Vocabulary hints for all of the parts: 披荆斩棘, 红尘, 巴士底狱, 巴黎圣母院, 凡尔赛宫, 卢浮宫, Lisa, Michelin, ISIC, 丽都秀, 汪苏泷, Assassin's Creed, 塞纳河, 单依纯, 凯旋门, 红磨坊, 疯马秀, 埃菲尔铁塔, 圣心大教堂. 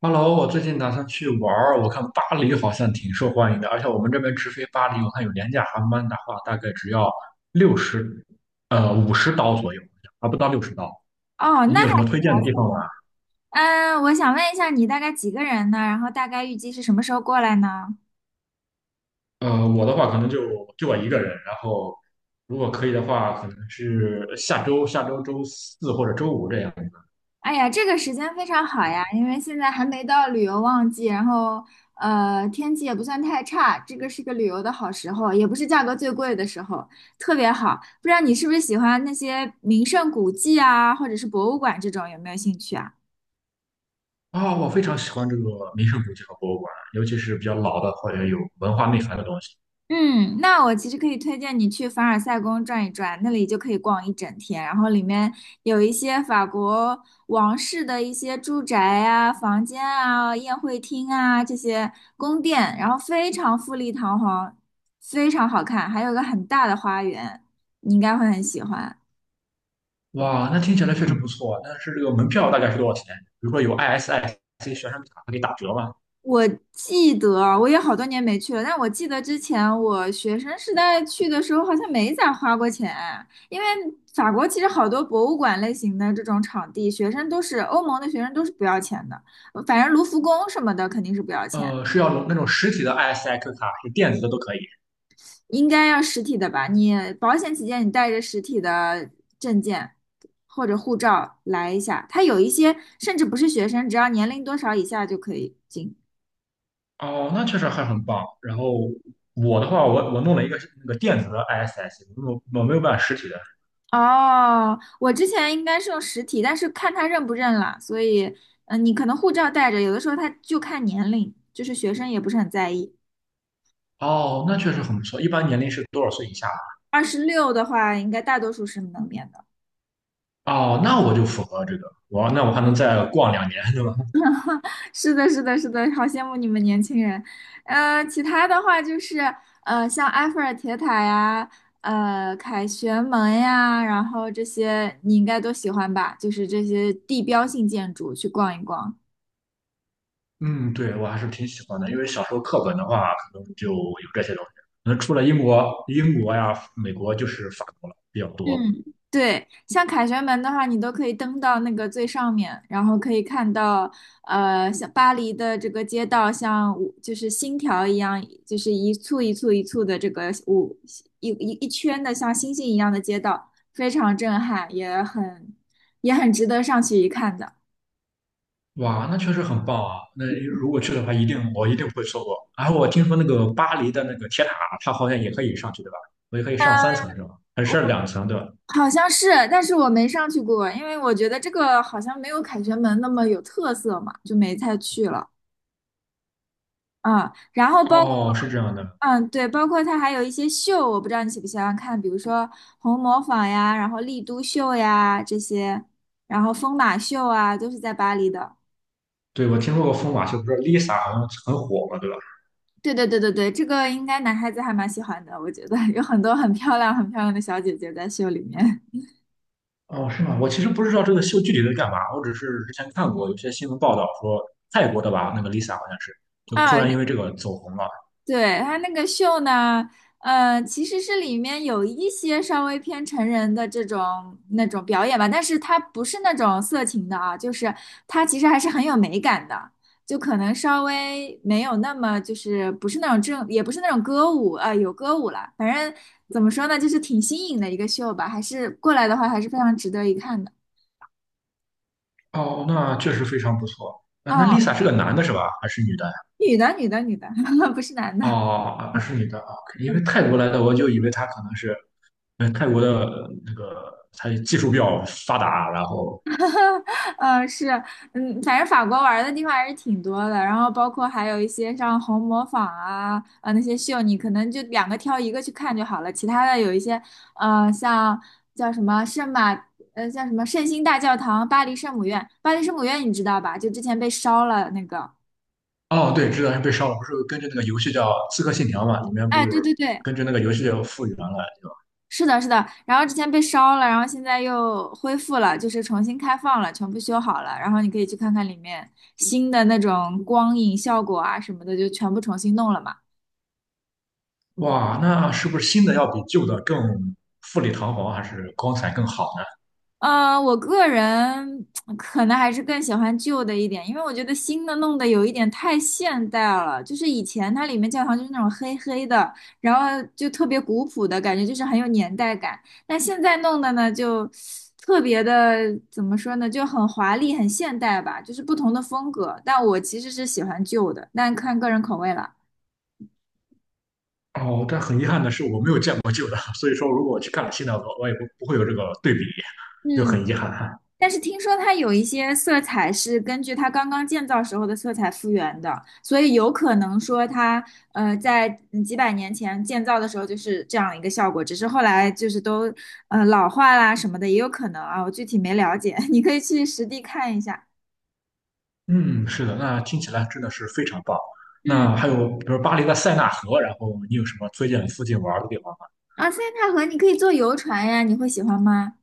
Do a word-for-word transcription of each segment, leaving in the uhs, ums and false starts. Hello,我最近打算去玩儿，我看巴黎好像挺受欢迎的，而且我们这边直飞巴黎，我看有廉价航班的话，大概只要六十，呃，五十刀左右，还不到六十刀。哦，你那有还，什么推荐的地方玩？嗯，我想问一下，你大概几个人呢？然后大概预计是什么时候过来呢？呃，我的话可能就就我一个人，然后如果可以的话，可能是下周下周周四或者周五这样子。哎呀，这个时间非常好呀，因为现在还没到旅游旺季，然后呃，天气也不算太差，这个是个旅游的好时候，也不是价格最贵的时候，特别好。不知道你是不是喜欢那些名胜古迹啊，或者是博物馆这种，有没有兴趣啊？啊、我非常喜欢这个名胜古迹和博物馆，尤其是比较老的或者有文化内涵的东西。嗯，那我其实可以推荐你去凡尔赛宫转一转，那里就可以逛一整天。然后里面有一些法国王室的一些住宅啊、房间啊、宴会厅啊这些宫殿，然后非常富丽堂皇，非常好看，还有个很大的花园，你应该会很喜欢。哇，那听起来确实不错。但是这个门票大概是多少钱？比如说有 I S I C 学生卡可以打折吗？我记得，我也好多年没去了，但我记得之前我学生时代去的时候，好像没咋花过钱，因为法国其实好多博物馆类型的这种场地，学生都是欧盟的学生都是不要钱的，呃反正卢浮宫什么的肯定是不要钱，呃，是要那种实体的 I S I Q 卡，还是电子的都可以？应该要实体的吧？你保险起见，你带着实体的证件或者护照来一下，它有一些甚至不是学生，只要年龄多少以下就可以进。哦，那确实还很棒。然后我的话，我我弄了一个是那个电子的 I S I C，我我没有办实体的。哦，我之前应该是用实体，但是看他认不认了，所以，嗯、你可能护照带着，有的时候他就看年龄，就是学生也不是很在意。哦，那确实很不错。一般年龄是多少岁以下？二十六的话，应该大多数是能免的。哦，那我就符合这个。我那我还能再逛两年，对吧？是的，是的，是的，好羡慕你们年轻人。呃，其他的话就是，呃，像埃菲尔铁塔呀，呃，凯旋门呀，然后这些你应该都喜欢吧？就是这些地标性建筑去逛一逛。嗯，对，我还是挺喜欢的，因为小时候课本的话，可能就有这些东西。那能除了英国、英国呀、美国，就是法国了比较多。嗯，对，像凯旋门的话，你都可以登到那个最上面，然后可以看到，呃，像巴黎的这个街道，像五就是星条一样，就是一簇一簇一簇的这个五一一一圈的像星星一样的街道，非常震撼，也很也很值得上去一看的。哇，那确实很棒啊！那如果去的话，一定我一定不会错过。然后我听说那个巴黎的那个铁塔，它好像也可以上去，对吧？我也可以嗯，上三层是吧？还我是两层对吧？好像是，但是我没上去过，因为我觉得这个好像没有凯旋门那么有特色嘛，就没再去了。啊，然后包括。哦，是这样的。嗯，对，包括它还有一些秀，我不知道你喜不喜欢看，比如说红磨坊呀，然后丽都秀呀这些，然后疯马秀啊，都是在巴黎的。对，我听说过疯马秀，不是 Lisa 好像很火嘛，对吧？对对对对对，这个应该男孩子还蛮喜欢的，我觉得有很多很漂亮、很漂亮的小姐姐在秀里面。哦，是吗？我其实不知道这个秀具体在干嘛，我只是之前看过有些新闻报道说泰国的吧，那个 Lisa 好像是 就啊，突然因为这个走红了。对，他那个秀呢，呃，其实是里面有一些稍微偏成人的这种那种表演吧，但是它不是那种色情的啊，就是它其实还是很有美感的，就可能稍微没有那么就是不是那种正，也不是那种歌舞啊，呃有歌舞了，反正怎么说呢，就是挺新颖的一个秀吧，还是过来的话还是非常值得一看的哦，那确实非常不错。啊，啊，那 Lisa 是个男的是吧？还是女的呀？女的，女的，女的，不是男的。哦，啊是女的啊，因为泰国来的，我就以为她可能是，嗯，泰国的呃那个她技术比较发达，然后嗯，是，嗯，反正法国玩儿的地方还是挺多的，然后包括还有一些像红磨坊啊，呃，那些秀，你可能就两个挑一个去看就好了，其他的有一些，呃，像叫什么圣马，呃，叫什么圣心大教堂、巴黎圣母院，巴黎圣母院你知道吧？就之前被烧了那个，哦，对，知道是被烧了，不是根据那个游戏叫《刺客信条》嘛，里面哎，不是对对对，根据那个游戏叫复原了，是的，是的，然后之前被烧了，然后现在又恢复了，就是重新开放了，全部修好了，然后你可以去看看里面新的那种光影效果啊什么的，就全部重新弄了嘛。哇，那是不是新的要比旧的更富丽堂皇，还是光彩更好呃，我个人可能还是更喜欢旧的一点，因为我觉得新的弄得有一点太现代了。就是以前它里面教堂就是那种黑黑的，然后就特别古朴的感觉，就是很有年代感。但现在弄的呢，就特别的怎么说呢，就很华丽、很现代吧，就是不同的风格。但我其实是喜欢旧的，但看个人口味了。呢？哦，但很遗憾的是，我没有见过旧的，所以说如果我去看了新的，我我也不不会有这个对比，就嗯。很遗憾。但是听说它有一些色彩是根据它刚刚建造时候的色彩复原的，所以有可能说它呃在嗯几百年前建造的时候就是这样一个效果，只是后来就是都呃老化啦什么的也有可能啊，我具体没了解，你可以去实地看一下。嗯，是的，那听起来真的是非常棒。嗯，那还有，比如巴黎的塞纳河，然后你有什么推荐附近玩的地方吗？啊，塞纳河你可以坐游船呀，你会喜欢吗？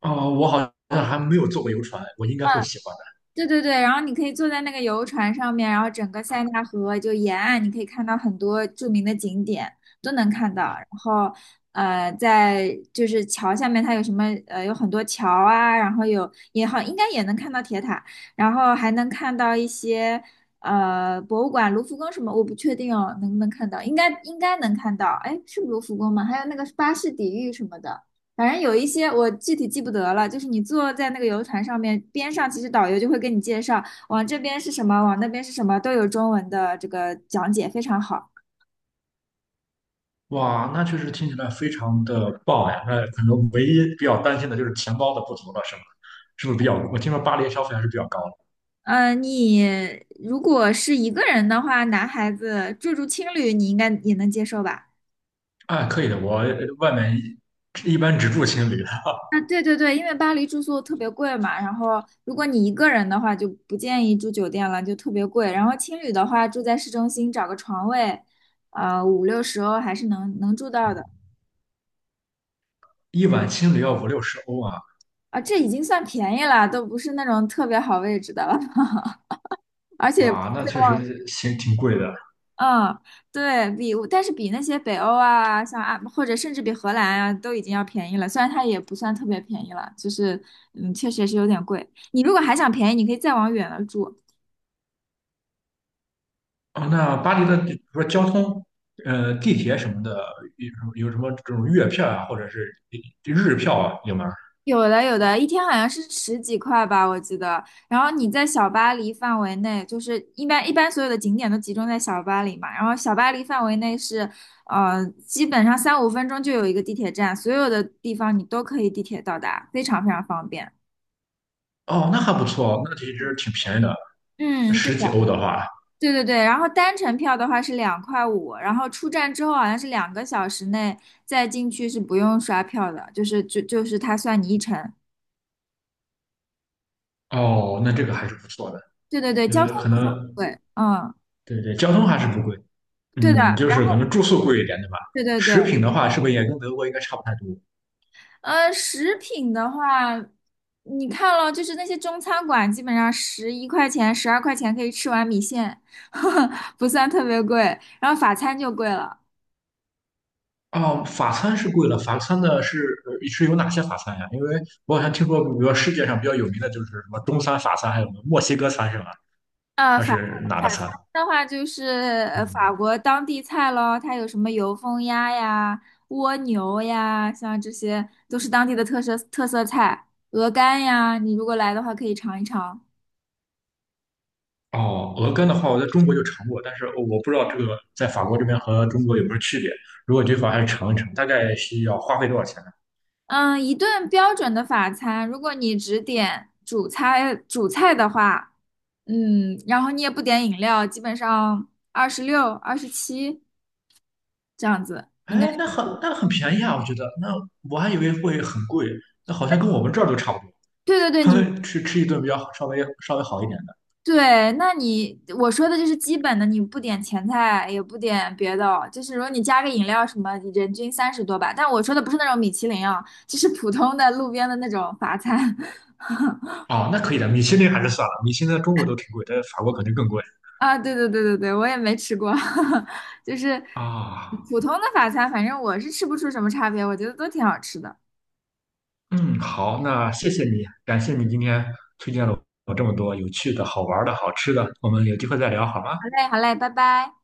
哦，我好像还没有坐过游船，我应该会喜欢的。对对对，然后你可以坐在那个游船上面，然后整个塞纳河就沿岸，你可以看到很多著名的景点都能看到。然后，呃，在就是桥下面，它有什么呃，有很多桥啊，然后有也好，应该也能看到铁塔，然后还能看到一些呃博物馆，卢浮宫什么，我不确定哦，能不能看到？应该应该能看到，哎，是卢浮宫吗？还有那个巴士底狱什么的。反正有一些我具体记不得了，就是你坐在那个游船上面，边上其实导游就会跟你介绍，往这边是什么，往那边是什么，都有中文的这个讲解，非常好。哇，那确实听起来非常的棒呀。那可能唯一比较担心的就是钱包的不足了，是吗？是不是比较？我听说巴黎消费还是比较高的。嗯，你如果是一个人的话，男孩子住住青旅，你应该也能接受吧？啊，可以的，我呃外面一般只住青旅的啊，对对对，因为巴黎住宿特别贵嘛，然后如果你一个人的话，就不建议住酒店了，就特别贵。然后青旅的话，住在市中心找个床位，呃，五六十欧还是能能住到的。一晚青旅要五六十欧啊，啊，这已经算便宜了，都不是那种特别好位置的了，而且，哇，那确实行挺贵的。嗯，对比，但是比那些北欧啊，像啊，或者甚至比荷兰啊，都已经要便宜了。虽然它也不算特别便宜了，就是，嗯，确实是有点贵。你如果还想便宜，你可以再往远了住，哦，那巴黎的，比如说交通，呃，地铁什么的，有有什么这种月票啊，或者是日票啊，有吗？有的有的，一天好像是十几块吧，我记得。然后你在小巴黎范围内，就是一般一般所有的景点都集中在小巴黎嘛。然后小巴黎范围内是，呃，基本上三五分钟就有一个地铁站，所有的地方你都可以地铁到达，非常非常方便。哦，那还不错，那其实挺便宜的，嗯，对十的，几欧的话，对对对。然后单程票的话是两块五，然后出站之后好像是两个小时内再进去是不用刷票的，就是就就是它算你一程。哦，那这个还是不错的。对对对，交通呃，可不是很能贵，嗯，对对，交通还是不贵，对的。嗯，就是可能住宿贵一点，对吧？对对对，食品的话，是不是也跟德国应该差不太多？呃，食品的话，你看了，就是那些中餐馆，基本上十一块钱、十二块钱可以吃碗米线，不算特别贵。然后法餐就贵了，哦，法餐是贵了，法餐的是呃是有哪些法餐呀？因为我好像听说，比如说世界上比较有名的就是什么中餐、法餐，还有什么墨西哥餐是吧？呃，它法是哪法个餐餐？的话就是呃法嗯，国当地菜咯，它有什么油封鸭呀、蜗牛呀，像这些都是当地的特色特色菜，鹅肝呀，你如果来的话可以尝一尝。哦，鹅肝的话，我在中国就尝过，但是我不知道这个在法国这边和中国有没有区别。如果这块还是尝一尝，大概需要花费多少钱呢？嗯，一顿标准的法餐，如果你只点主菜主菜的话，嗯，然后你也不点饮料，基本上二十六、二十七这样子，应该。哎，那很那很便宜啊，我觉得。那我还以为会很贵，那好像跟我们这儿都差不多。对对对，你 吃吃一顿比较稍微稍微好一点。对，那你我说的就是基本的，你不点前菜，也不点别的哦，就是如果你加个饮料什么，人均三十多吧。但我说的不是那种米其林啊，就是普通的路边的那种法餐。哦，那可以的，米其林还是算了，米其林在中国都挺贵，在法国肯定更贵啊，对对对对对，我也没吃过，就是啊。普通的法餐，反正我是吃不出什么差别，我觉得都挺好吃的。嗯，好，那谢谢你，感谢你今天有这么多有趣的好玩的好吃的，我们有机会再聊好吗？好嘞，好嘞，拜拜。